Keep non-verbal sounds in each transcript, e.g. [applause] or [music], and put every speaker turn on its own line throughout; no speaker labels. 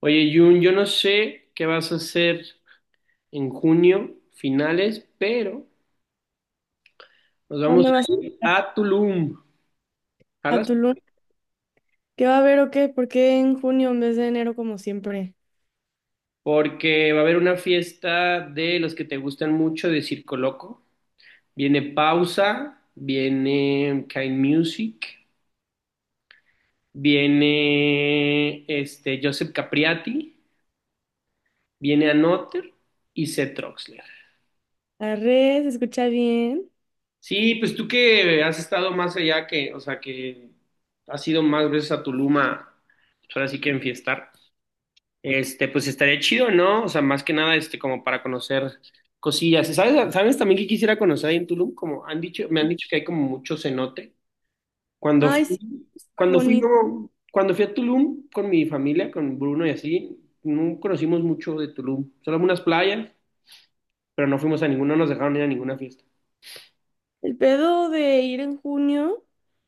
Oye, Jun, yo no sé qué vas a hacer en junio, finales, pero nos vamos
¿Dónde vas
a ir a Tulum,
a
¿jalas?
Tulum? ¿Qué va a haber o qué? ¿Por qué en junio en vez de enero como siempre?
Porque va a haber una fiesta de los que te gustan mucho de Circo Loco. Viene Pausa, viene Kind Music, viene Joseph Capriati, viene Anotter y Seth Troxler.
La red, ¿se escucha bien?
Sí, pues tú que has estado más allá que, o sea, que has ido más veces a Tulum pues, ahora sí que enfiestar, pues estaría chido, ¿no? O sea, más que nada, como para conocer cosillas. ¿Sabes también que quisiera conocer ahí en Tulum? Me han dicho que hay como mucho cenote. Cuando
Ay,
fui,
sí, es súper
cuando fui,
bonito.
no, Cuando fui a Tulum con mi familia, con Bruno y así, no conocimos mucho de Tulum. Solo unas playas, pero no fuimos a ninguna, no nos dejaron ir a ninguna fiesta.
El pedo de ir en junio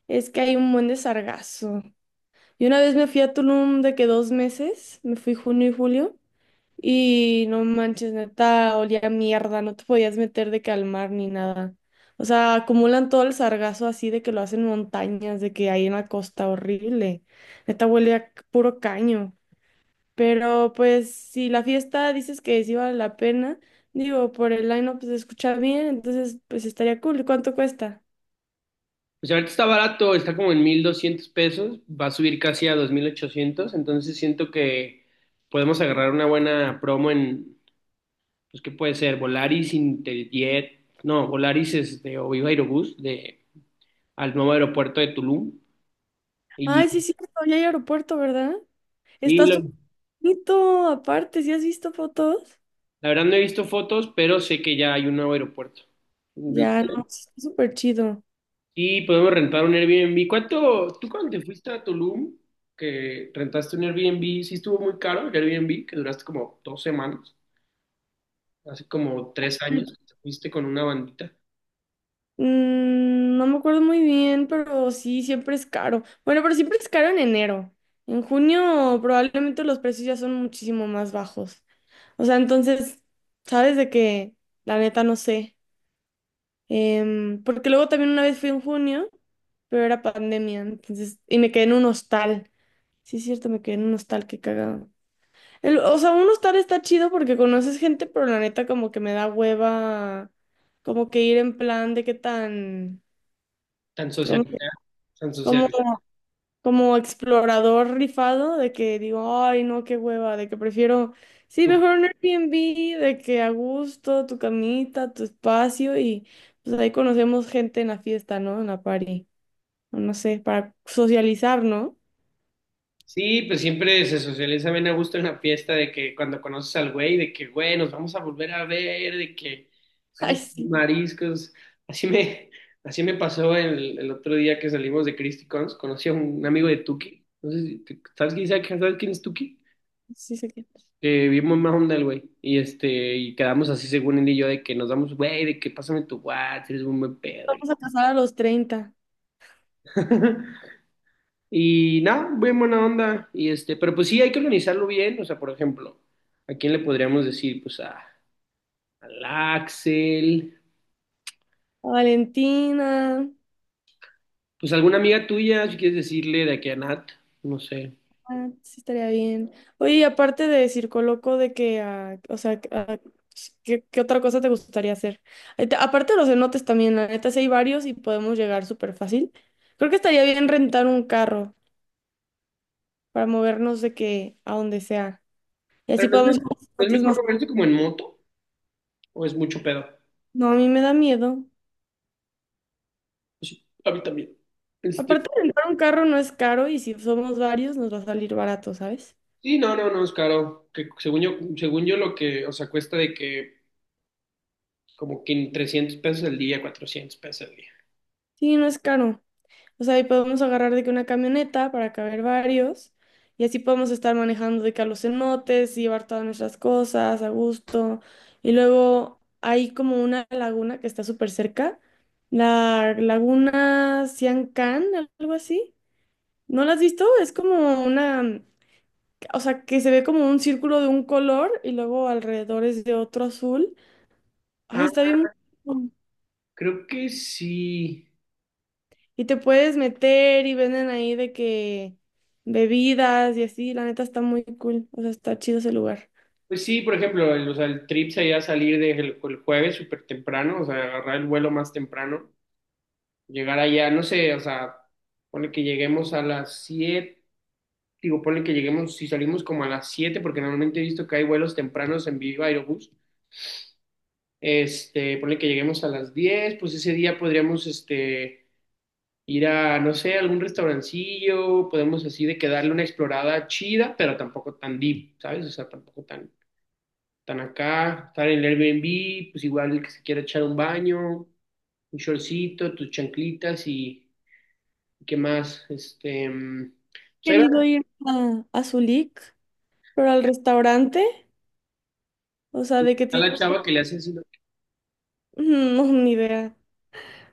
es que hay un buen de sargazo. Y una vez me fui a Tulum de que 2 meses, me fui junio y julio, y no manches, neta, olía a mierda, no te podías meter de calmar ni nada. O sea, acumulan todo el sargazo así de que lo hacen montañas, de que hay una costa horrible. Neta huele a puro caño. Pero pues si la fiesta dices que sí vale la pena, digo, por el line-up se escucha bien, entonces pues estaría cool. ¿Cuánto cuesta?
Pues ahorita está barato, está como en 1,200 pesos, va a subir casi a 2,800, entonces siento que podemos agarrar una buena promo en, pues qué puede ser, Volaris, Interjet, no, Volaris es de o Viva Aerobús, de, al nuevo aeropuerto de Tulum. Y,
Ay, sí, sí, ya hay aeropuerto, ¿verdad?
y
Está
lo-
súper bonito, aparte, ¿sí has visto fotos?
la verdad no he visto fotos, pero sé que ya hay un nuevo aeropuerto.
Ya, no, sí, está súper chido.
Y podemos rentar un Airbnb. ¿Cuánto, tú cuando te fuiste a Tulum, que rentaste un Airbnb, sí estuvo muy caro el Airbnb, que duraste como 2 semanas? Hace como 3 años, que te fuiste con una bandita
Mm, no me acuerdo muy bien, pero sí, siempre es caro. Bueno, pero siempre es caro en enero. En junio probablemente los precios ya son muchísimo más bajos. O sea, entonces, ¿sabes de que La neta no sé. Porque luego también una vez fui en junio, pero era pandemia, entonces, y me quedé en un hostal. Sí, es cierto, me quedé en un hostal, qué cagado. O sea, un hostal está chido porque conoces gente, pero la neta como que me da hueva, como que ir en plan de qué tan,
tan socializada, tan
como, como,
socializada.
como explorador rifado, de que digo, ay, no, qué hueva, de que prefiero, sí,
Tú-
mejor un Airbnb, de que a gusto, tu camita, tu espacio y... Pues ahí conocemos gente en la fiesta, ¿no? En la party. O no sé, para socializar, ¿no?
Sí, pues siempre se socializa bien a gusto en la fiesta de que cuando conoces al güey, de que, güey, nos vamos a volver a ver, de que
[laughs] Ay,
vamos a comer
sí,
mariscos. Así me, [laughs] así me pasó el otro día que salimos de Christy Cons, conocí a un amigo de Tuki. No sé si, te- ¿Sabes quién es Tuki?
sí sé que.
Bien mamá onda el güey. Y quedamos así según él y yo de que nos damos, güey, de que pásame tu WhatsApp, eres un buen pedo.
Vamos a pasar a los 30.
[laughs] Y nada, bien buena onda. Y pero pues sí, hay que organizarlo bien. O sea, por ejemplo, ¿a quién le podríamos decir? Pues al Axel,
A Valentina,
pues alguna amiga tuya, si quieres decirle de aquí a Nat, no sé.
ah, sí estaría bien. Oye, y aparte de Circo Loco, de que, ah, o sea, que, ah, ¿qué otra cosa te gustaría hacer? Ay, aparte de los cenotes también, la neta, sí hay varios y podemos llegar súper fácil. Creo que estaría bien rentar un carro para movernos de que a donde sea. Y así
Pero ¿no es
podemos ir
mejor,
a los
no es
cenotes
mejor
más.
moverse como en moto o es mucho pedo?
No, a mí me da miedo.
Pues, a mí también. Este,
Aparte, rentar un carro no es caro y si somos varios nos va a salir barato, ¿sabes?
sí, no, no, no, es caro. Que según yo lo que, o sea, cuesta de que como que en 300 pesos el día, 400 pesos el día.
Sí, no es caro. O sea, y podemos agarrar de que una camioneta para caber varios y así podemos estar manejando de que a los cenotes y llevar todas nuestras cosas a gusto. Y luego hay como una laguna que está súper cerca, la laguna Can, algo así. ¿No la has visto? Es como una, o sea, que se ve como un círculo de un color y luego alrededor es de otro azul. Ay,
Ah,
está bien. Bueno.
creo que sí.
Y te puedes meter y venden ahí de que bebidas y así. La neta está muy cool. O sea, está chido ese lugar.
Pues sí, por ejemplo, el, o sea, el trip sería salir desde el jueves súper temprano, o sea, agarrar el vuelo más temprano, llegar allá, no sé, o sea, ponle que lleguemos a las 7:00 digo, ponle que lleguemos, si salimos como a las 7:00 porque normalmente he visto que hay vuelos tempranos en Viva Aerobús, ponle que lleguemos a las 10:00 pues ese día podríamos, ir a, no sé, algún restaurancillo, podemos así de que darle una explorada chida, pero tampoco tan deep, ¿sabes? O sea, tampoco tan están acá, están en el Airbnb, pues igual el que se quiera echar un baño, un shortcito, tus chanclitas y qué más, pues ahí
Querido
va
ir a Zulik, pero al restaurante. O sea, de que
a la
tienen
chava
como...
que le hace así, ¿no?
[laughs] No, ni idea.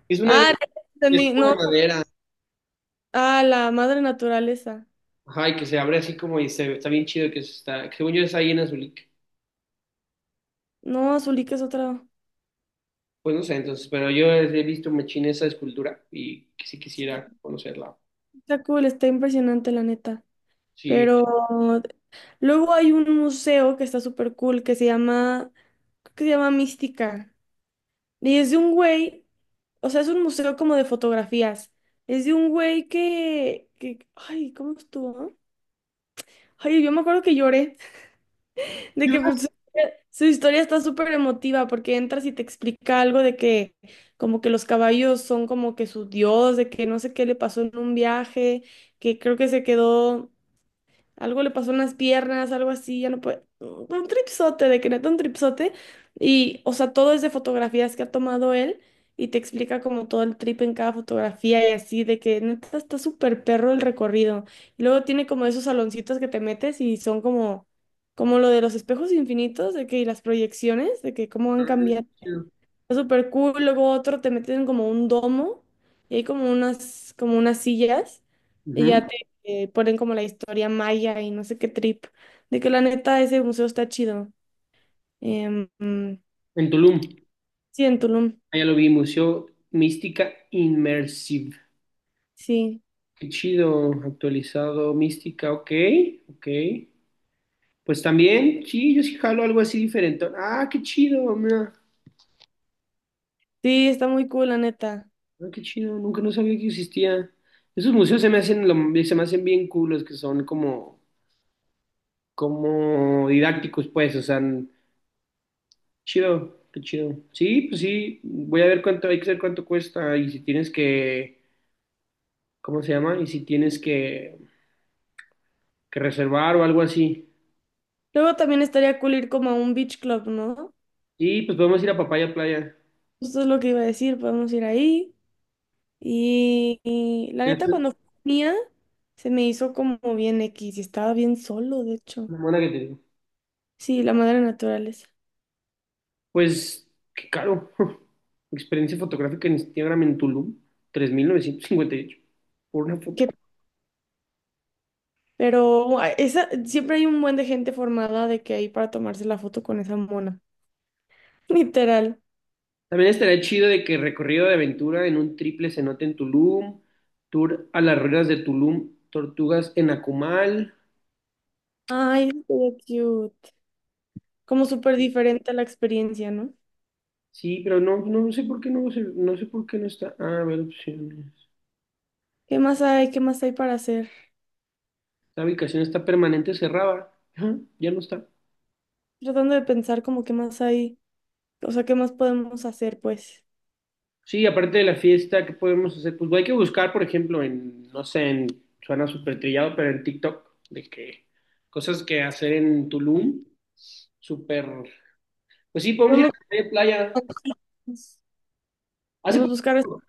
Es una de,
Ah, ya
es
entendí.
como de
No.
madera,
Ah, la madre naturaleza.
ajá, y que se abre así como y se, está bien chido que se está, que según yo es ahí en Azulik,
No, Zulik es otra.
pues no sé, entonces, pero yo he visto machín esa escultura y que sí
Sí.
quisiera conocerla,
Está cool, está impresionante, la neta.
sí.
Pero luego hay un museo que está súper cool que se llama... Creo que se llama Mística. Y es de un güey, o sea, es un museo como de fotografías. Es de un güey que, ay, ¿cómo estuvo? Ay, yo me acuerdo que lloré, [laughs] de que pues, su historia está súper emotiva porque entras y te explica algo de que como que los caballos son como que su dios, de que no sé qué le pasó en un viaje, que creo que se quedó. Algo le pasó en las piernas, algo así, ya no puede. Un tripsote, de que neta un tripsote. Y, o sea, todo es de fotografías que ha tomado él y te explica como todo el trip en cada fotografía y así, de que neta está súper perro el recorrido. Y luego tiene como esos saloncitos que te metes y son como, como lo de los espejos infinitos, de que y las proyecciones, de que cómo han
Ah,
cambiado.
chido.
Está súper cool. Luego otro te meten como un domo y hay como unas sillas y ya
Ujú.
te ponen como la historia maya y no sé qué trip. De que la neta ese museo está chido. Em, mm,
En Tulum,
sí, en Tulum.
allá lo vi, Museo Mística immersive.
Sí.
Qué chido, actualizado, mística, ok, ok. Pues también, sí, yo sí jalo algo así diferente. Ah, qué chido, mira.
Sí, está muy cool, la neta.
Ah, qué chido, nunca no sabía que existía. Esos museos se me hacen, se me hacen bien cool, los que son como, como didácticos, pues, o sea, chido, qué chido. Sí, pues sí, voy a ver cuánto, hay que ver cuánto cuesta y si tienes que, ¿cómo se llama? Y si tienes que, reservar o algo así.
Luego también estaría cool ir como a un beach club, ¿no?
Y pues podemos ir a Papaya Playa.
Eso es lo que iba a decir. Podemos ir ahí. Y la neta,
Este,
cuando fui mía, se me hizo como bien X y estaba bien solo, de hecho.
Una buena que te digo.
Sí, la madre naturaleza.
Pues, qué caro. [laughs] Experiencia fotográfica en Instagram en Tulum, 3,958 por una foto.
Qué. Pero esa, siempre hay un buen de gente formada de que ahí para tomarse la foto con esa mona. [laughs] Literal.
También estaría chido de que recorrido de aventura en un triple cenote en Tulum, tour a las ruinas de Tulum, tortugas en Akumal.
Ay, estuvo cute. Como súper diferente a la experiencia, ¿no?
Sí, pero no, no sé por qué no, no sé por qué no está. Ah, a ver, opciones.
¿Qué más hay? ¿Qué más hay para hacer?
La ubicación está permanente cerrada. [laughs] Ajá, ya no está.
Tratando de pensar como qué más hay. O sea, ¿qué más podemos hacer, pues?
Sí, aparte de la fiesta, ¿qué podemos hacer? Pues hay que buscar, por ejemplo, en, no sé, en, suena súper trillado, pero en TikTok, de que cosas que hacer en Tulum, súper, pues sí, podemos ir
Podemos,
a Papaya Playa. Hace
podemos buscar,
poquito,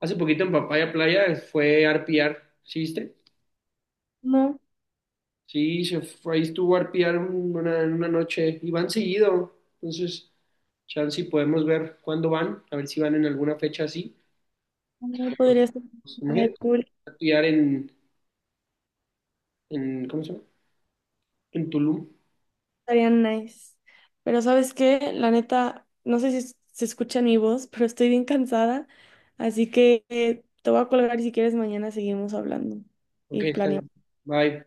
hace poquito en Papaya Playa fue arpear, ¿sí viste?
[laughs] no,
Sí, se fue, ahí estuvo arpear una noche y van seguido, entonces, chance y podemos ver cuándo van, a ver si van en alguna fecha así.
no. Ah, podría ser.
Pues,
Estaría
imagínate,
cool.
arpear en, ¿cómo se llama? En Tulum.
Estaría nice. Pero ¿sabes qué? La neta, no sé si se escucha en mi voz, pero estoy bien cansada. Así que te voy a colgar y si quieres mañana seguimos hablando
Ok,
y
está bien.
planeamos.
Bye.